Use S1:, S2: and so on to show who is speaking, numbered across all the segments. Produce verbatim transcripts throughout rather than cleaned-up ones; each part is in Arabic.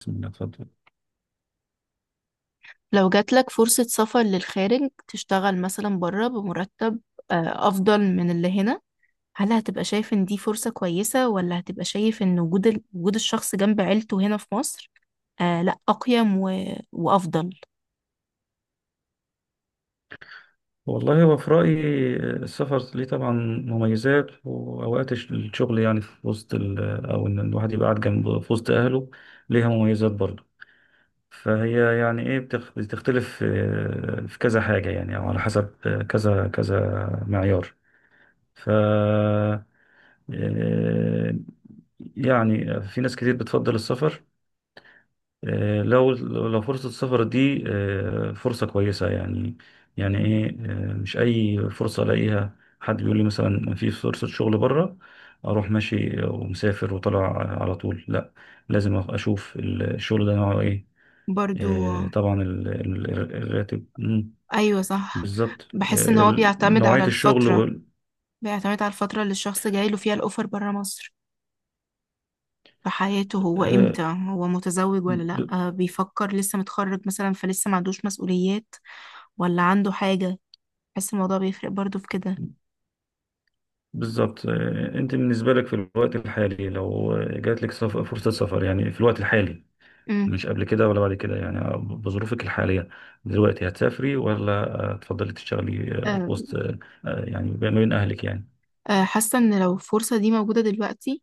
S1: بسم الله، اتفضل.
S2: لو جاتلك فرصة سفر للخارج تشتغل مثلا بره بمرتب آه، أفضل من اللي هنا؟ هل هتبقى شايف إن دي فرصة كويسة، ولا هتبقى شايف إن وجود ال- وجود الشخص جنب عيلته هنا في مصر؟ آه لأ، أقيم و... وأفضل.
S1: والله هو في رأيي، آه، السفر ليه طبعا مميزات، وأوقات الش- الشغل يعني في وسط ال أو إن الواحد يبقى قاعد جنب في وسط أهله ليها مميزات برضه. فهي يعني إيه بتخ- بتختلف، آه، في كذا حاجة يعني، أو على حسب آه، كذا كذا معيار. ف آه، يعني في ناس كتير بتفضل السفر، آه، لو لو فرصة السفر دي آه، فرصة كويسة يعني. يعني ايه؟ آه، مش اي فرصة الاقيها حد بيقول لي مثلا في فرصة شغل بره اروح ماشي ومسافر وطلع على طول، لا. لازم اشوف الشغل ده نوعه ايه.
S2: برضو،
S1: آه، طبعا ال- ال- الراتب. مم،
S2: أيوة صح.
S1: بالظبط. آه،
S2: بحس إن هو
S1: ال-
S2: بيعتمد على
S1: نوعية الشغل
S2: الفترة
S1: وال-
S2: بيعتمد على الفترة اللي الشخص جاي له فيها الأوفر بره مصر، في حياته، هو
S1: آه،
S2: إمتى، هو متزوج ولا لأ،
S1: ب-
S2: آه، بيفكر، لسه متخرج مثلا فلسه ما عندوش مسؤوليات ولا عنده حاجة. بحس الموضوع بيفرق برضو في كده.
S1: بالظبط. آه، انت بالنسبة لك في الوقت الحالي، لو جات لك سف- فرصة سفر يعني، في الوقت الحالي،
S2: امم
S1: مش قبل كده ولا بعد كده، يعني بظروفك الحالية دلوقتي، هتسافري ولا آه، تفضلي تشتغلي آه، في
S2: آه،
S1: وسط آه، آه، يعني ما بين أهلك يعني؟
S2: آه، حاسة ان لو الفرصة دي موجودة دلوقتي،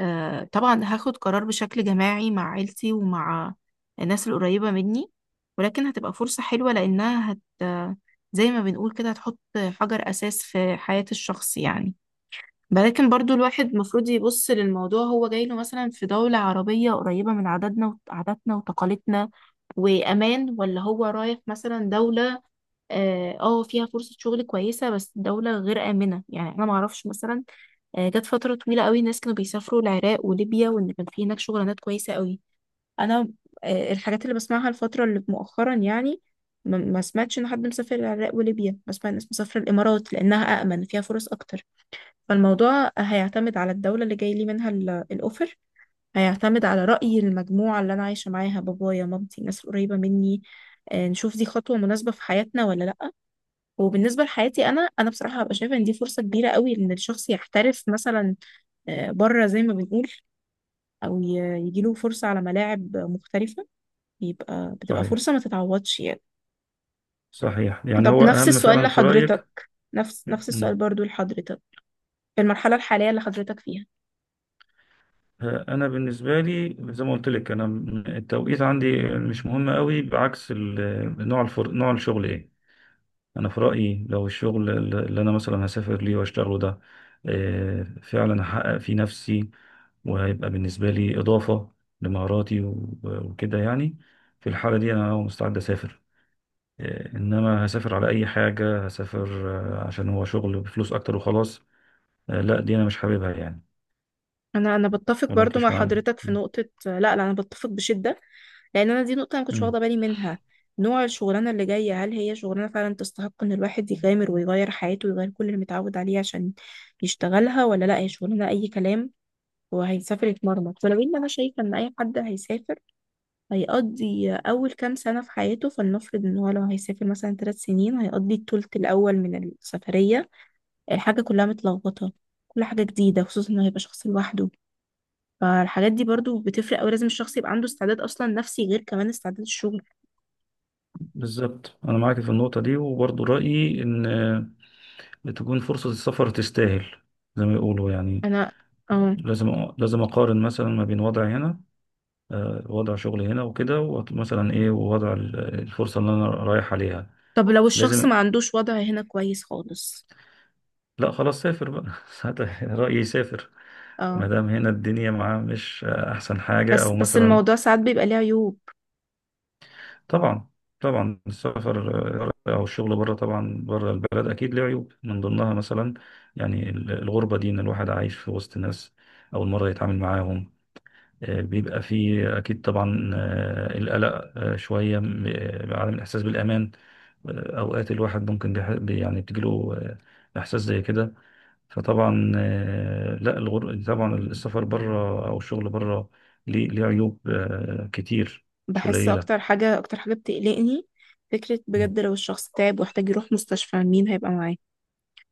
S2: آه، طبعا هاخد قرار بشكل جماعي مع عيلتي ومع الناس القريبة مني، ولكن هتبقى فرصة حلوة، لأنها هت آه، زي ما بنقول كده هتحط حجر أساس في حياة الشخص يعني. ولكن برضو الواحد المفروض يبص للموضوع، هو جاي له مثلا في دولة عربية قريبة من عاداتنا عاداتنا وتقاليدنا، وأمان، ولا هو رايح مثلا دولة اه آه، فيها فرصة شغل كويسة بس الدولة غير آمنة، يعني أنا معرفش مثلا. آه، جت فترة طويلة قوي الناس كانوا بيسافروا العراق وليبيا، وإن كان في هناك شغلانات كويسة قوي. أنا آه، الحاجات اللي بسمعها الفترة اللي مؤخرا يعني، ما ما سمعتش إن حد مسافر العراق وليبيا، بسمع الناس مسافرة الإمارات لأنها أأمن، فيها فرص أكتر. فالموضوع هيعتمد على الدولة اللي جاي لي منها ال- الأوفر، هيعتمد على رأي المجموعة اللي أنا عايشة معاها، بابايا، مامتي، الناس القريبة مني، آه، نشوف دي خطوة مناسبة في حياتنا ولا لأ. وبالنسبه لحياتي، انا انا بصراحه هبقى شايفه ان دي فرصه كبيره قوي ان الشخص يحترف مثلا، آه، بره زي ما بنقول، او ي- يجيله فرصه على ملاعب مختلفه، بيبقى بتبقى
S1: صحيح،
S2: فرصه ما تتعوضش يعني.
S1: صحيح. يعني
S2: طب
S1: هو
S2: نفس
S1: أهم
S2: السؤال
S1: فعلا في رأيك.
S2: لحضرتك، نفس نفس السؤال
S1: مم.
S2: برضو لحضرتك، في المرحله الحاليه اللي حضرتك فيها.
S1: آه، أنا بالنسبة لي، زي ما قلت لك، أنا م- التوقيت عندي مش مهم قوي، بعكس ال- نوع الفر... نوع الشغل إيه. انا في رايي لو الشغل اللي انا مثلا هسافر ليه واشتغله ده، آه، فعلا هحقق فيه نفسي، وهيبقى بالنسبه لي اضافه لمهاراتي و- وكده يعني. في الحاله دي انا مستعد اسافر. آه، انما هسافر على اي حاجه هسافر، آه، عشان هو شغل بفلوس اكتر وخلاص، آه، لا، دي انا مش حاببها يعني.
S2: انا انا بتفق
S1: ولا انت
S2: برضو مع
S1: مش معايا؟
S2: حضرتك في
S1: م.
S2: نقطه، لا لا، انا بتفق بشده، لان انا دي نقطه انا كنتش
S1: م.
S2: واخده بالي منها. نوع الشغلانه اللي جايه، هل هي شغلانه فعلا تستحق ان الواحد يغامر ويغير حياته ويغير كل اللي متعود عليه عشان يشتغلها، ولا لا هي شغلانه اي كلام وهيسافر يتمرمط؟ ولو ان انا شايفه ان اي حد هيسافر هيقضي اول كام سنه في حياته، فلنفرض ان هو لو هيسافر مثلا ثلاث سنين، هيقضي الثلث الاول من السفريه الحاجه كلها متلخبطه، كل حاجه جديده، خصوصا انه هيبقى شخص لوحده. فالحاجات دي برضو بتفرق أوي، لازم الشخص يبقى عنده استعداد أصلا نفسي، غير كمان استعداد الشغل.
S1: بالظبط. انا معاك في النقطه دي، وبرضو رايي ان آه، تكون فرصه السفر تستاهل، زي ما يقولوا يعني.
S2: أنا، اه.
S1: لازم لازم اقارن مثلا ما بين وضعي هنا، آه، وضع شغلي هنا وكده، ومثلا ايه، ووضع ال- الفرصه اللي انا رايح عليها.
S2: طب لو الشخص
S1: لازم.
S2: ما عندوش وضع هنا كويس خالص.
S1: لا خلاص، سافر بقى. ساعتها رايي سافر.
S2: اه،
S1: ما دام هنا الدنيا معاه مش آه، احسن حاجه،
S2: بس
S1: او
S2: بس
S1: مثلا.
S2: الموضوع ساعات بيبقى ليه عيوب.
S1: طبعا. طبعا السفر، آه، او الشغل بره، طبعا بره البلد اكيد له عيوب، من ضمنها مثلا يعني ال- الغربه دي، ان الواحد عايش في وسط ناس اول مره يتعامل معاهم. آه، بيبقى فيه أكيد طبعا آه، القلق، آه، شوية م- آه، عدم الإحساس بالأمان. آه، أوقات الواحد ممكن بيح- بي- يعني بتجيله آه، إحساس زي كده. فطبعا آه، لا الغر... طبعا السفر بره أو الشغل بره ليه ليه عيوب آه، كتير، مش
S2: بحس
S1: قليلة.
S2: أكتر حاجة أكتر حاجة بتقلقني، فكرة
S1: مم.
S2: بجد لو الشخص تعب واحتاج يروح مستشفى، مين هيبقى معاه؟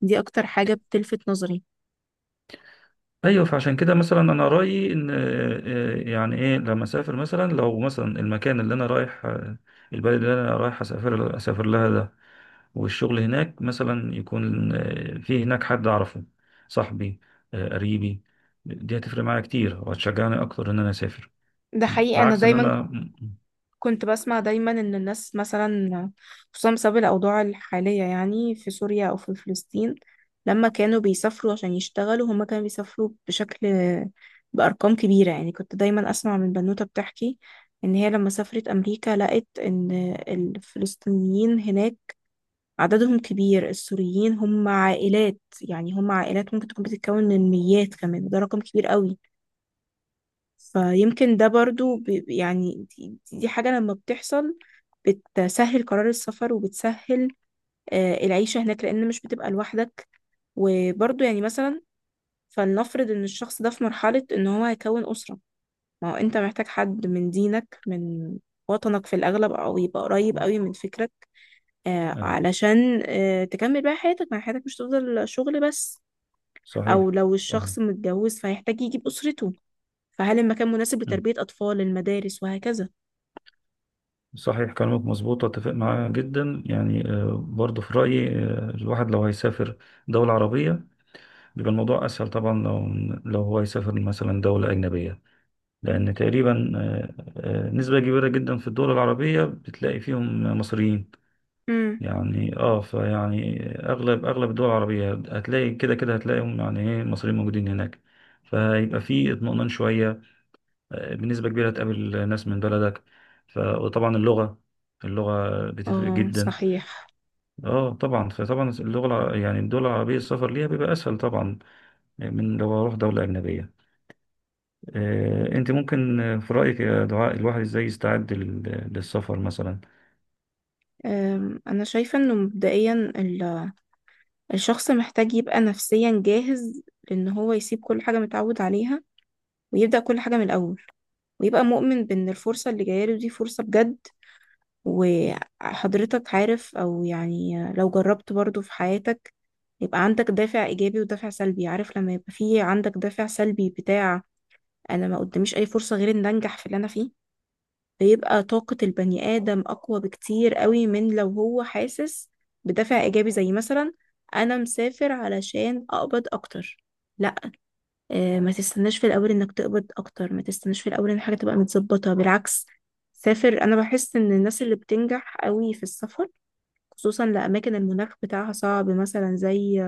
S2: دي أكتر حاجة بتلفت نظري.
S1: أيوه. فعشان كده مثلا أنا رأيي إن آه، آه، يعني إيه، لما أسافر مثلا، لو مثلا المكان اللي أنا رايح، آه، البلد اللي أنا رايح أسافر أسافر لها ده والشغل هناك مثلا، يكون آه، في هناك حد أعرفه، صاحبي، آه، قريبي. دي هتفرق معايا كتير وهتشجعني أكتر إن أنا أسافر،
S2: ده حقيقي، أنا
S1: بعكس إن
S2: دايما
S1: أنا م-
S2: كنت بسمع دايما ان الناس مثلا، خصوصا بسبب الاوضاع الحاليه يعني في سوريا او في فلسطين، لما كانوا بيسافروا عشان يشتغلوا، هما كانوا بيسافروا بشكل، بارقام كبيره يعني. كنت دايما اسمع من بنوته بتحكي ان هي لما سافرت امريكا لقت ان الفلسطينيين هناك عددهم كبير، السوريين هم عائلات، يعني هم عائلات ممكن تكون بتتكون من ميات كمان، ده رقم كبير قوي. فيمكن ده برضو بي- يعني، دي, دي حاجة لما بتحصل بتسهل قرار السفر، وبتسهل آه، العيشة هناك، لأن مش بتبقى لوحدك. وبرضه يعني مثلا، فلنفرض إن الشخص ده في مرحلة إن هو هيكون أسرة، ما هو أنت محتاج حد من دينك، من وطنك في الأغلب، أو يبقى قريب قوي من فكرك،
S1: م-
S2: آه،
S1: أي.
S2: علشان آه، تكمل بقى حياتك، ما حياتك مش تفضل شغل بس.
S1: صحيح،
S2: أو لو
S1: صحيح.
S2: الشخص متجوز فهيحتاج يجيب أسرته، فهل المكان مناسب
S1: م.
S2: لتربية أطفال، المدارس وهكذا.
S1: صحيح، كلامك مظبوط، أتفق معاه جدا يعني. آه، برضه في رأيي آه، الواحد لو هيسافر دولة عربية بيبقى الموضوع أسهل، طبعا لو لو هو يسافر مثلا دولة أجنبية. لأن تقريبا آه، آه، نسبة كبيرة جدا في الدول العربية بتلاقي فيهم مصريين.
S2: مم.
S1: يعني اه، فيعني اغلب اغلب الدول العربية هتلاقي، كده كده هتلاقيهم، يعني ايه، المصريين موجودين هناك. فيبقى في اطمئنان شوية، آه، بنسبة كبيرة هتقابل ناس من بلدك. ف... وطبعا اللغة، اللغة بتفرق
S2: اه
S1: جدا.
S2: صحيح.
S1: اه طبعا. فطبعا اللغة الع- يعني الدول العربية السفر ليها بيبقى اسهل طبعا، يعني من لو اروح دولة اجنبية. آه، انت ممكن آه، في رأيك يا دعاء، الواحد ازاي يستعد لل- للسفر مثلا؟
S2: أم، انا شايفه انه مبدئيا ال- الشخص محتاج يبقى نفسيا جاهز، لأن هو يسيب كل حاجة متعود عليها، ويبدأ كل حاجة من الأول، ويبقى مؤمن بأن الفرصة اللي جاية له دي فرصة بجد. وحضرتك عارف، أو يعني لو جربت برضو في حياتك، يبقى عندك دافع إيجابي ودافع سلبي. عارف لما يبقى فيه عندك دافع سلبي بتاع، أنا ما قداميش أي فرصة غير إن أنجح في اللي أنا فيه، بيبقى طاقة البني آدم أقوى بكتير قوي من لو هو حاسس بدافع إيجابي، زي مثلا أنا مسافر علشان أقبض أكتر. لا، آه، ما تستناش في الأول إنك تقبض أكتر، ما تستناش في الأول إن الحاجة تبقى متظبطة، بالعكس سافر. أنا بحس إن الناس اللي بتنجح قوي في السفر، خصوصا لأماكن المناخ بتاعها صعب، مثلا زي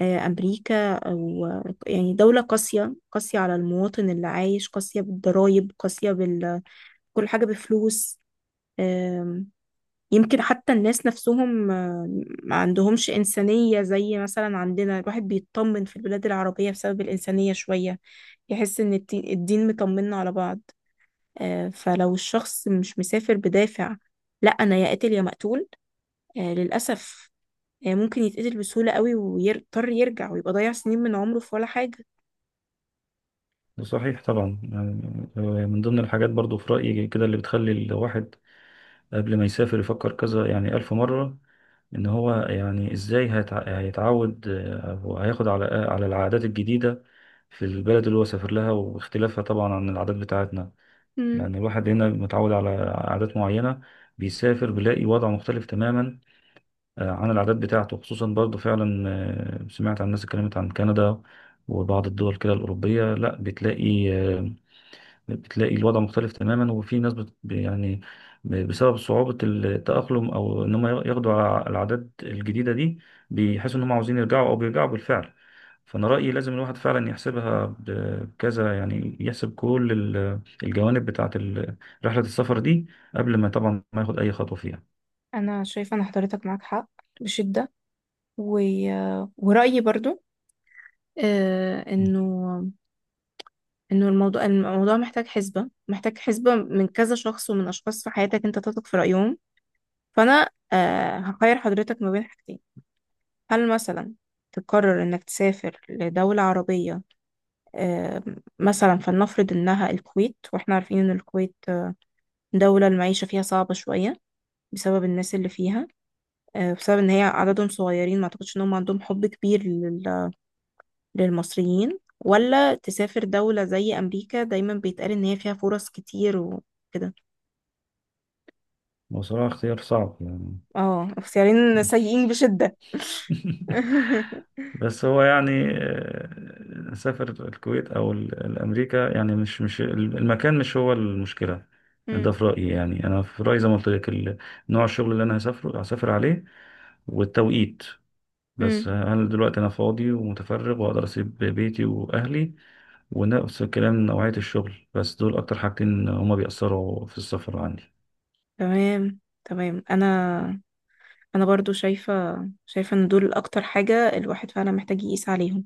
S2: آه، أمريكا، أو آه، يعني دولة قاسية، قاسية على المواطن اللي عايش، قاسية بالضرايب، قاسية بال كل حاجة بفلوس. يمكن حتى الناس نفسهم آه، ما عندهمش إنسانية زي مثلا عندنا، الواحد بيطمن في البلاد العربية بسبب الإنسانية شوية، يحس إن التي- الدين مطمنا على بعض. آه، فلو الشخص مش مسافر بدافع، لا أنا يا قاتل يا مقتول، آه، للأسف آه، ممكن يتقتل بسهولة قوي، ويضطر يرجع ويبقى ضيع سنين من عمره في ولا حاجة.
S1: صحيح. طبعا يعني آه، من ضمن الحاجات برضو في رأيي كده اللي بتخلي الواحد قبل ما يسافر يفكر كذا، يعني ألف مرة، إن هو يعني إزاي هيتع- هيتعود آه، وهياخد على على العادات الجديدة في البلد اللي هو سافر لها، واختلافها طبعا عن العادات بتاعتنا.
S2: مم.
S1: يعني الواحد هنا متعود على عادات معينة، بيسافر بيلاقي وضع مختلف تماما آه، عن العادات بتاعته. خصوصا برضو فعلا آه، سمعت عن الناس، اتكلمت عن كندا وبعض الدول كده الأوروبية، لا بتلاقي آه، بتلاقي الوضع مختلف تماما، وفي ناس بت ب- يعني ب- بسبب صعوبة التأقلم أو إن هم ياخدوا ع- العادات الجديدة دي، بيحسوا إن هم عاوزين يرجعوا، أو بيرجعوا بالفعل. فأنا رأيي لازم الواحد فعلا يحسبها بكذا، يعني يحسب كل ال- الجوانب بتاعة ال- رحلة السفر دي قبل ما طبعا ما ياخد أي خطوة فيها.
S2: أنا شايفة أن حضرتك معاك حق بشدة، و... ورأيي برضو آه، إنه انه الموضوع الموضوع محتاج حسبة محتاج حسبة من كذا شخص، ومن اشخاص في حياتك انت تثق في رأيهم. فانا آه هخير حضرتك ما بين حاجتين، هل مثلا تقرر انك تسافر لدولة عربية آه مثلا، فلنفرض انها الكويت، واحنا عارفين ان الكويت آه، دولة المعيشة فيها صعبة شوية بسبب الناس اللي فيها، آه بسبب ان هي عددهم صغيرين، ما اعتقدش ان هم عندهم حب كبير لل- للمصريين، ولا تسافر دولة زي امريكا، دايما بيتقال ان هي فيها فرص كتير وكده.
S1: وصراحة اختيار صعب يعني.
S2: اه، اختيارين سيئين بشدة.
S1: بس هو يعني آه، سافر الكويت او ال- الامريكا، يعني مش مش المكان مش هو المشكله ده،
S2: مم.
S1: في رايي. يعني انا في رايي زي ما قلت لك ال- نوع الشغل اللي انا هسافره هسافر عليه، والتوقيت. بس
S2: مم.
S1: هل دلوقتي انا فاضي ومتفرغ واقدر اسيب بيتي واهلي؟ ونفس الكلام نوعيه الشغل. بس دول اكتر حاجتين هما بيأثروا في السفر عندي.
S2: تمام تمام، انا انا برضو شايفة شايفة ان دول اكتر حاجة الواحد فعلا محتاج يقيس عليهم.